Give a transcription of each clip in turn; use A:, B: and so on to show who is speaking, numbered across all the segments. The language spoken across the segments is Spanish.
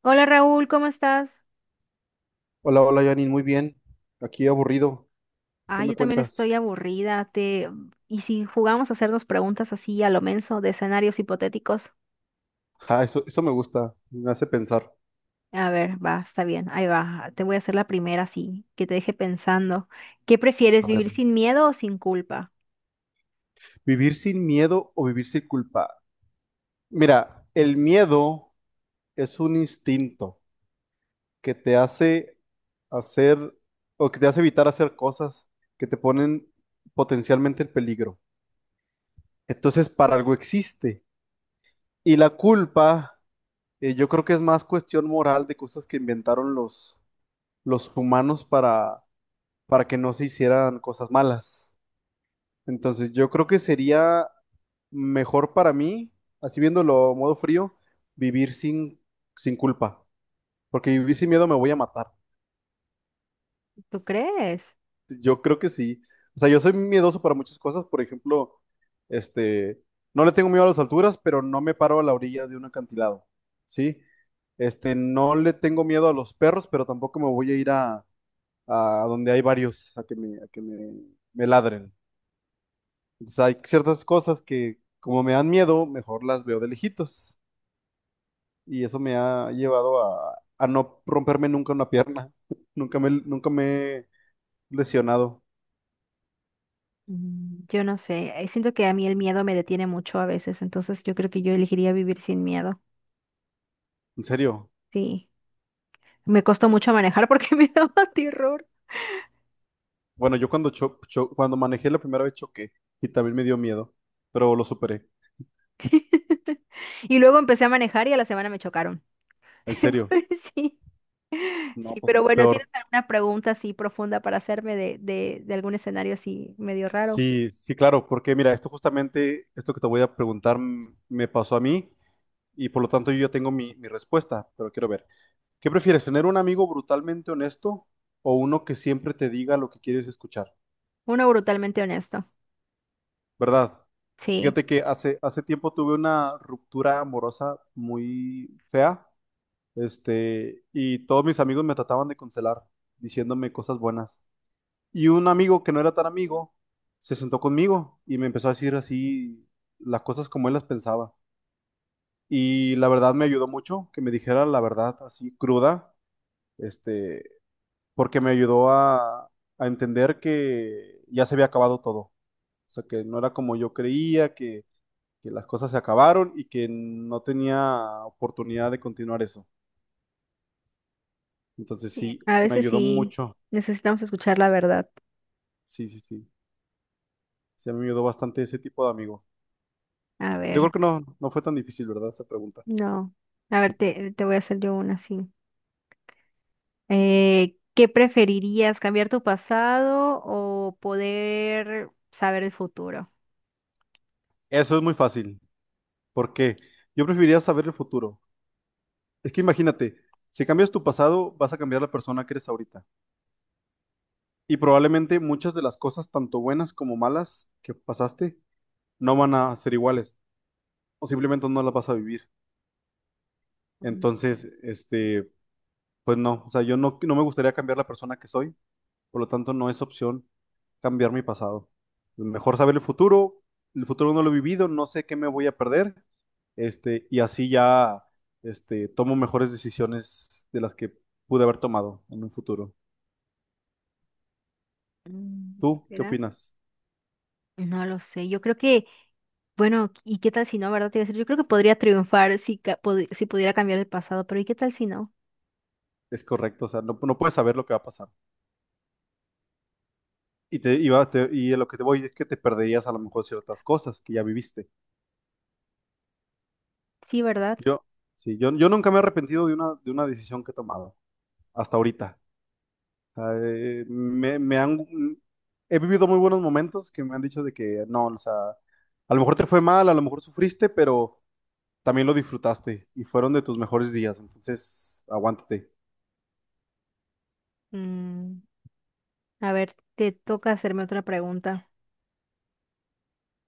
A: Hola Raúl, ¿cómo estás?
B: Hola, hola, Janine, muy bien. Aquí aburrido. ¿Qué
A: Ah,
B: me
A: yo también
B: cuentas?
A: estoy aburrida. Te... ¿Y si jugamos a hacernos preguntas así a lo menso de escenarios hipotéticos?
B: Ah, eso me gusta, me hace pensar.
A: A ver, va, está bien, ahí va. Te voy a hacer la primera así, que te deje pensando. ¿Qué prefieres,
B: A ver,
A: vivir sin miedo o sin culpa?
B: ¿vivir sin miedo o vivir sin culpa? Mira, el miedo es un instinto que te hace hacer o que te hace evitar hacer cosas que te ponen potencialmente en peligro. Entonces, para algo existe. Y la culpa, yo creo que es más cuestión moral de cosas que inventaron los humanos para que no se hicieran cosas malas. Entonces, yo creo que sería mejor para mí, así viéndolo a modo frío, vivir sin culpa, porque vivir sin miedo me voy a matar.
A: ¿Tú crees?
B: Yo creo que sí. O sea, yo soy miedoso para muchas cosas, por ejemplo, este, no le tengo miedo a las alturas, pero no me paro a la orilla de un acantilado, ¿sí? No le tengo miedo a los perros, pero tampoco me voy a ir a donde hay varios a que me ladren. Entonces hay ciertas cosas que como me dan miedo, mejor las veo de lejitos. Y eso me ha llevado a no romperme nunca una pierna. Nunca me he lesionado.
A: Mm, yo no sé, siento que a mí el miedo me detiene mucho a veces, entonces yo creo que yo elegiría vivir sin miedo.
B: En serio.
A: Sí, me costó mucho manejar porque me daba terror.
B: Bueno, yo cuando, cho- cho- cuando manejé la primera vez, choqué y también me dio miedo, pero lo superé.
A: Y luego empecé a manejar y a la semana me chocaron.
B: En serio.
A: Pues sí,
B: No,
A: sí,
B: pues
A: pero bueno, ¿tienes
B: peor.
A: alguna pregunta así profunda para hacerme de algún escenario así medio raro?
B: Sí, sí, claro, porque mira, esto justamente, esto que te voy a preguntar, me pasó a mí y por lo tanto yo ya tengo mi respuesta, pero quiero ver. ¿Qué prefieres, tener un amigo brutalmente honesto o uno que siempre te diga lo que quieres escuchar?
A: Uno brutalmente honesto.
B: ¿Verdad?
A: Sí,
B: Fíjate que hace tiempo tuve una ruptura amorosa muy fea, y todos mis amigos me trataban de consolar, diciéndome cosas buenas. Y un amigo que no era tan amigo se sentó conmigo y me empezó a decir así las cosas como él las pensaba. Y la verdad me ayudó mucho que me dijera la verdad así cruda. Este, porque me ayudó a entender que ya se había acabado todo. O sea, que no era como yo creía, que las cosas se acabaron y que no tenía oportunidad de continuar eso. Entonces
A: sí,
B: sí,
A: a
B: me
A: veces
B: ayudó
A: sí
B: mucho.
A: necesitamos escuchar la verdad.
B: Sí, sí, sí. Sí, me ayudó bastante ese tipo de amigos.
A: A
B: Yo
A: ver,
B: creo que no, no fue tan difícil, ¿verdad? Esa pregunta.
A: no. A ver, te voy a hacer yo una así. ¿Qué preferirías, cambiar tu pasado o poder saber el futuro?
B: Eso es muy fácil. ¿Por qué? Yo preferiría saber el futuro. Es que imagínate, si cambias tu pasado, vas a cambiar la persona que eres ahorita. Y probablemente muchas de las cosas, tanto buenas como malas, que pasaste, no van a ser iguales o simplemente no las vas a vivir.
A: Mm,
B: Entonces, pues no, o sea, yo no, no me gustaría cambiar la persona que soy, por lo tanto no es opción cambiar mi pasado. Mejor saber el futuro no lo he vivido, no sé qué me voy a perder, y así ya, tomo mejores decisiones de las que pude haber tomado en un futuro.
A: mm,
B: ¿Tú qué
A: ¿Será?
B: opinas?
A: No lo sé, yo creo que, bueno, ¿y qué tal si no, verdad? Te iba a decir, yo creo que podría triunfar si, si pudiera cambiar el pasado, pero ¿y qué tal si no?
B: Es correcto, o sea, no, no puedes saber lo que va a pasar. Y, te, y, va- te- y a lo que te voy es que te perderías a lo mejor ciertas cosas que ya viviste.
A: Sí, ¿verdad?
B: Yo, sí, yo nunca me he arrepentido de una decisión que he tomado hasta ahorita. O sea, he vivido muy buenos momentos que me han dicho de que no, o sea, a lo mejor te fue mal, a lo mejor sufriste, pero también lo disfrutaste y fueron de tus mejores días. Entonces, aguántate.
A: Mm, a ver, te toca hacerme otra pregunta.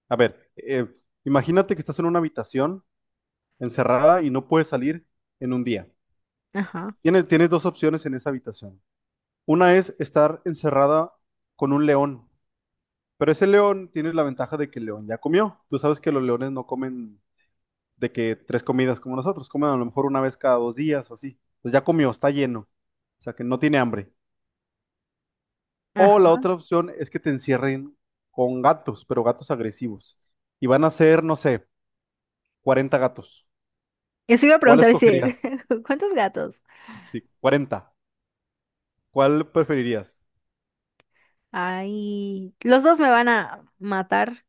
B: A ver, imagínate que estás en una habitación encerrada y no puedes salir en un día.
A: Ajá,
B: Tienes dos opciones en esa habitación. Una es estar encerrada con un león. Pero ese león tiene la ventaja de que el león ya comió. Tú sabes que los leones no comen de que tres comidas como nosotros, comen a lo mejor una vez cada 2 días o así. Pues ya comió, está lleno. O sea que no tiene hambre. O la
A: ajá.
B: otra opción es que te encierren con gatos, pero gatos agresivos. Y van a ser, no sé, 40 gatos.
A: Eso iba a
B: ¿Cuál
A: preguntar, dice,
B: escogerías?
A: ¿cuántos gatos?
B: Sí, 40. ¿Cuál preferirías?
A: Ay, los dos me van a matar.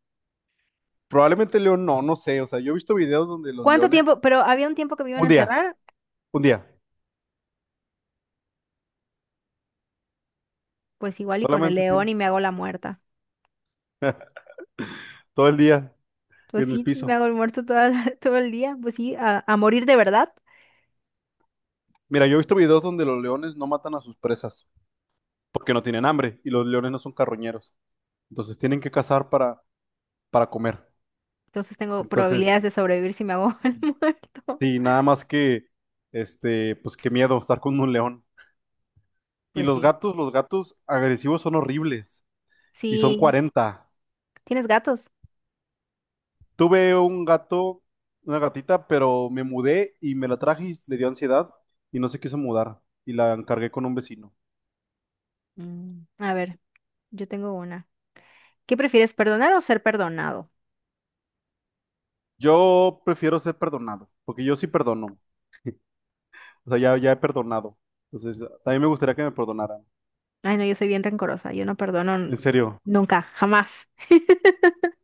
B: Probablemente el león, no, no sé. O sea, yo he visto videos donde los
A: ¿Cuánto
B: leones,
A: tiempo? Pero había un tiempo que me iban
B: un
A: a
B: día,
A: encerrar,
B: un día,
A: pues igual y con el
B: solamente
A: león
B: tienes
A: y me hago la muerta.
B: todo el día
A: Pues
B: en el
A: sí, me
B: piso.
A: hago el muerto toda la- todo el día, pues sí, a morir de verdad.
B: Mira, yo he visto videos donde los leones no matan a sus presas porque no tienen hambre y los leones no son carroñeros. Entonces tienen que cazar para comer.
A: Entonces tengo probabilidades
B: Entonces,
A: de sobrevivir si me hago el muerto.
B: sí, nada más que, pues qué miedo estar con un león. Y
A: Pues sí.
B: los gatos agresivos son horribles y son
A: Sí.
B: 40.
A: ¿Tienes gatos?
B: Tuve un gato, una gatita, pero me mudé y me la traje y le dio ansiedad y no se quiso mudar y la encargué con un vecino.
A: Mm, a ver, yo tengo una. ¿Qué prefieres, perdonar o ser perdonado?
B: Yo prefiero ser perdonado, porque yo sí perdono. O sea, ya, ya he perdonado. Entonces, también me gustaría que me perdonaran.
A: Ay, no, yo soy bien rencorosa. Yo no perdono
B: En serio.
A: nunca, jamás.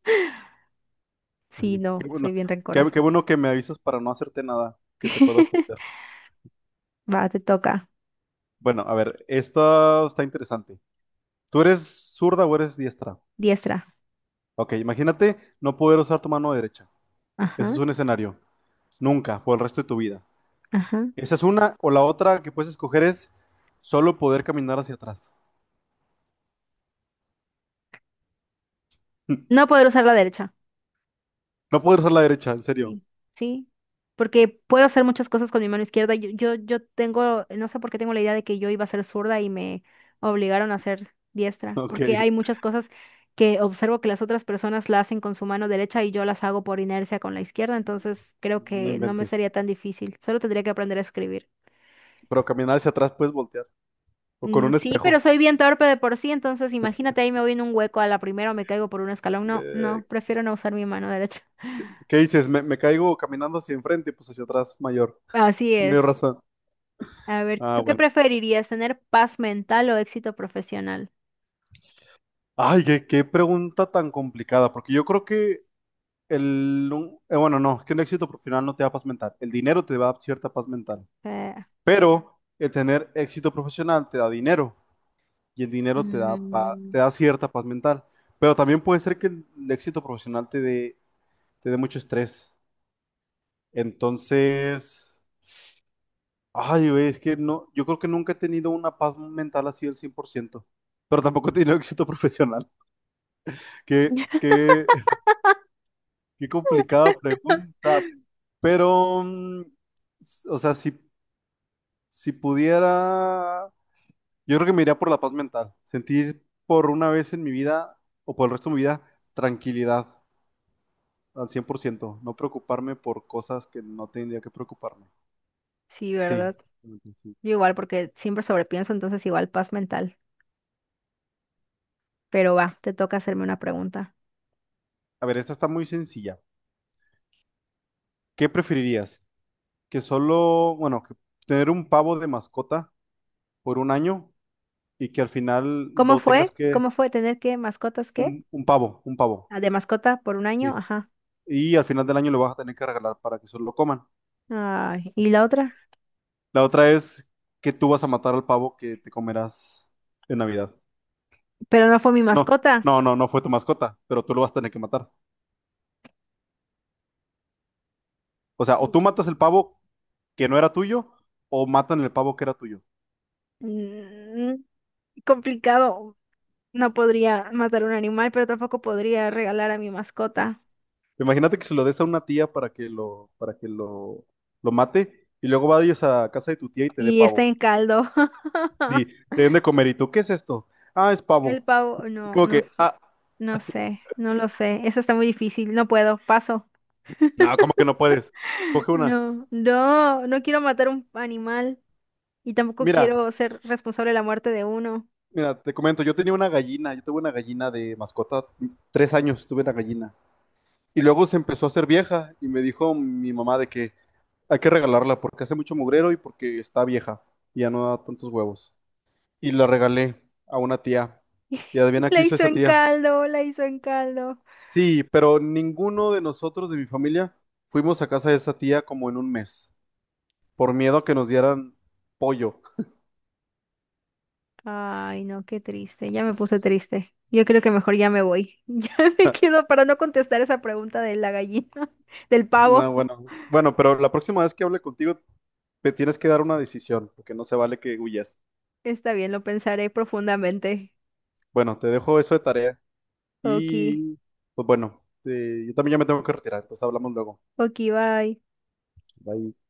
A: Sí,
B: Oye, qué
A: no, soy
B: bueno.
A: bien
B: Qué
A: rencoroso.
B: bueno que me avisas para no hacerte nada que te pueda ofender.
A: Va, te toca.
B: Bueno, a ver, esto está interesante. ¿Tú eres zurda o eres diestra?
A: Diestra.
B: Ok, imagínate no poder usar tu mano derecha. Ese es
A: Ajá,
B: un escenario. Nunca, por el resto de tu vida.
A: ajá.
B: Esa es una, o la otra que puedes escoger es solo poder caminar hacia atrás.
A: No poder usar la derecha.
B: No poder usar la derecha, en serio.
A: Sí, sí, porque puedo hacer muchas cosas con mi mano izquierda. Yo tengo, no sé por qué tengo la idea de que yo iba a ser zurda y me obligaron a ser diestra,
B: Ok,
A: porque hay muchas cosas que observo que las otras personas la hacen con su mano derecha y yo las hago por inercia con la izquierda, entonces creo
B: no
A: que no me sería
B: inventes.
A: tan difícil, solo tendría que aprender a escribir.
B: Pero caminar hacia atrás puedes voltear. O con
A: Mm,
B: un
A: sí, pero
B: espejo.
A: soy bien torpe de por sí, entonces imagínate ahí me voy en un hueco a la primera o me caigo por un escalón. No,
B: Eh,
A: no, prefiero no usar mi mano derecha.
B: ¿Qué dices? ¿Me, me caigo caminando hacia enfrente? Pues hacia atrás, mayor.
A: Así
B: Mayor
A: es.
B: razón.
A: A ver,
B: Ah,
A: ¿tú qué
B: bueno.
A: preferirías, tener paz mental o éxito profesional?
B: Ay, qué pregunta tan complicada, porque yo creo que bueno, no, es que un éxito profesional no te da paz mental. El dinero te da cierta paz mental,
A: Eh,
B: pero el tener éxito profesional te da dinero y el dinero te da,
A: Mm,
B: te da cierta paz mental. Pero también puede ser que el éxito profesional te dé mucho estrés. Entonces, ay, güey, es que no, yo creo que nunca he tenido una paz mental así del 100%, pero tampoco he tenido éxito profesional. Qué, qué, qué complicada pregunta, pero, o sea, si pudiera, yo creo que me iría por la paz mental, sentir por una vez en mi vida o por el resto de mi vida tranquilidad al 100%. No preocuparme por cosas que no tendría que preocuparme.
A: sí,
B: Sí,
A: ¿verdad?
B: sí.
A: Yo igual, porque siempre sobrepienso, entonces igual paz mental. Pero va, te toca hacerme una pregunta.
B: A ver, esta está muy sencilla. ¿Qué preferirías? Que solo, bueno, que tener un pavo de mascota por un año y que al final
A: ¿Cómo
B: lo tengas
A: fue?
B: que...
A: ¿Cómo fue tener que mascotas qué?
B: un pavo,
A: Ah, de mascota por 1 año,
B: sí.
A: ajá.
B: Y al final del año lo vas a tener que regalar para que solo lo coman.
A: Ay, ¿y la otra?
B: La otra es que tú vas a matar al pavo que te comerás en Navidad.
A: Pero no fue mi
B: No,
A: mascota.
B: no, no, no fue tu mascota, pero tú lo vas a tener que matar. O sea, o tú matas el pavo que no era tuyo, o matan el pavo que era tuyo.
A: Mm, complicado. No podría matar un animal, pero tampoco podría regalar a mi mascota.
B: Imagínate que se lo des a una tía para que lo, mate, y luego vayas a casa de tu tía y te dé
A: Y está
B: pavo.
A: en caldo.
B: Sí, te den de comer. ¿Y tú qué es esto? Ah, es
A: El
B: pavo.
A: pavo,
B: Y
A: no,
B: como que, ah,
A: no sé, no lo sé. Eso está muy difícil, no puedo, paso.
B: no, como que no puedes. Escoge una.
A: No, no, no quiero matar un animal y tampoco quiero
B: Mira,
A: ser responsable de la muerte de uno.
B: mira, te comento, yo tenía una gallina, yo tuve una gallina de mascota, 3 años tuve una gallina. Y luego se empezó a hacer vieja y me dijo mi mamá de que hay que regalarla porque hace mucho mugrero y porque está vieja y ya no da tantos huevos. Y la regalé a una tía. Y adivina qué
A: La
B: hizo
A: hizo
B: esa
A: en
B: tía.
A: caldo, la hizo en caldo.
B: Sí, pero ninguno de nosotros de mi familia fuimos a casa de esa tía como en un mes, por miedo a que nos dieran pollo.
A: Ay, no, qué triste, ya me puse triste. Yo creo que mejor ya me voy. Ya me quedo para no contestar esa pregunta de la gallina, del pavo.
B: No, bueno, bueno, pero la próxima vez que hable contigo te tienes que dar una decisión, porque no se vale que huyas.
A: Está bien, lo pensaré profundamente.
B: Bueno, te dejo eso de tarea
A: Ok,
B: y pues bueno, yo también ya me tengo que retirar, entonces hablamos luego.
A: ok, bye.
B: Bye.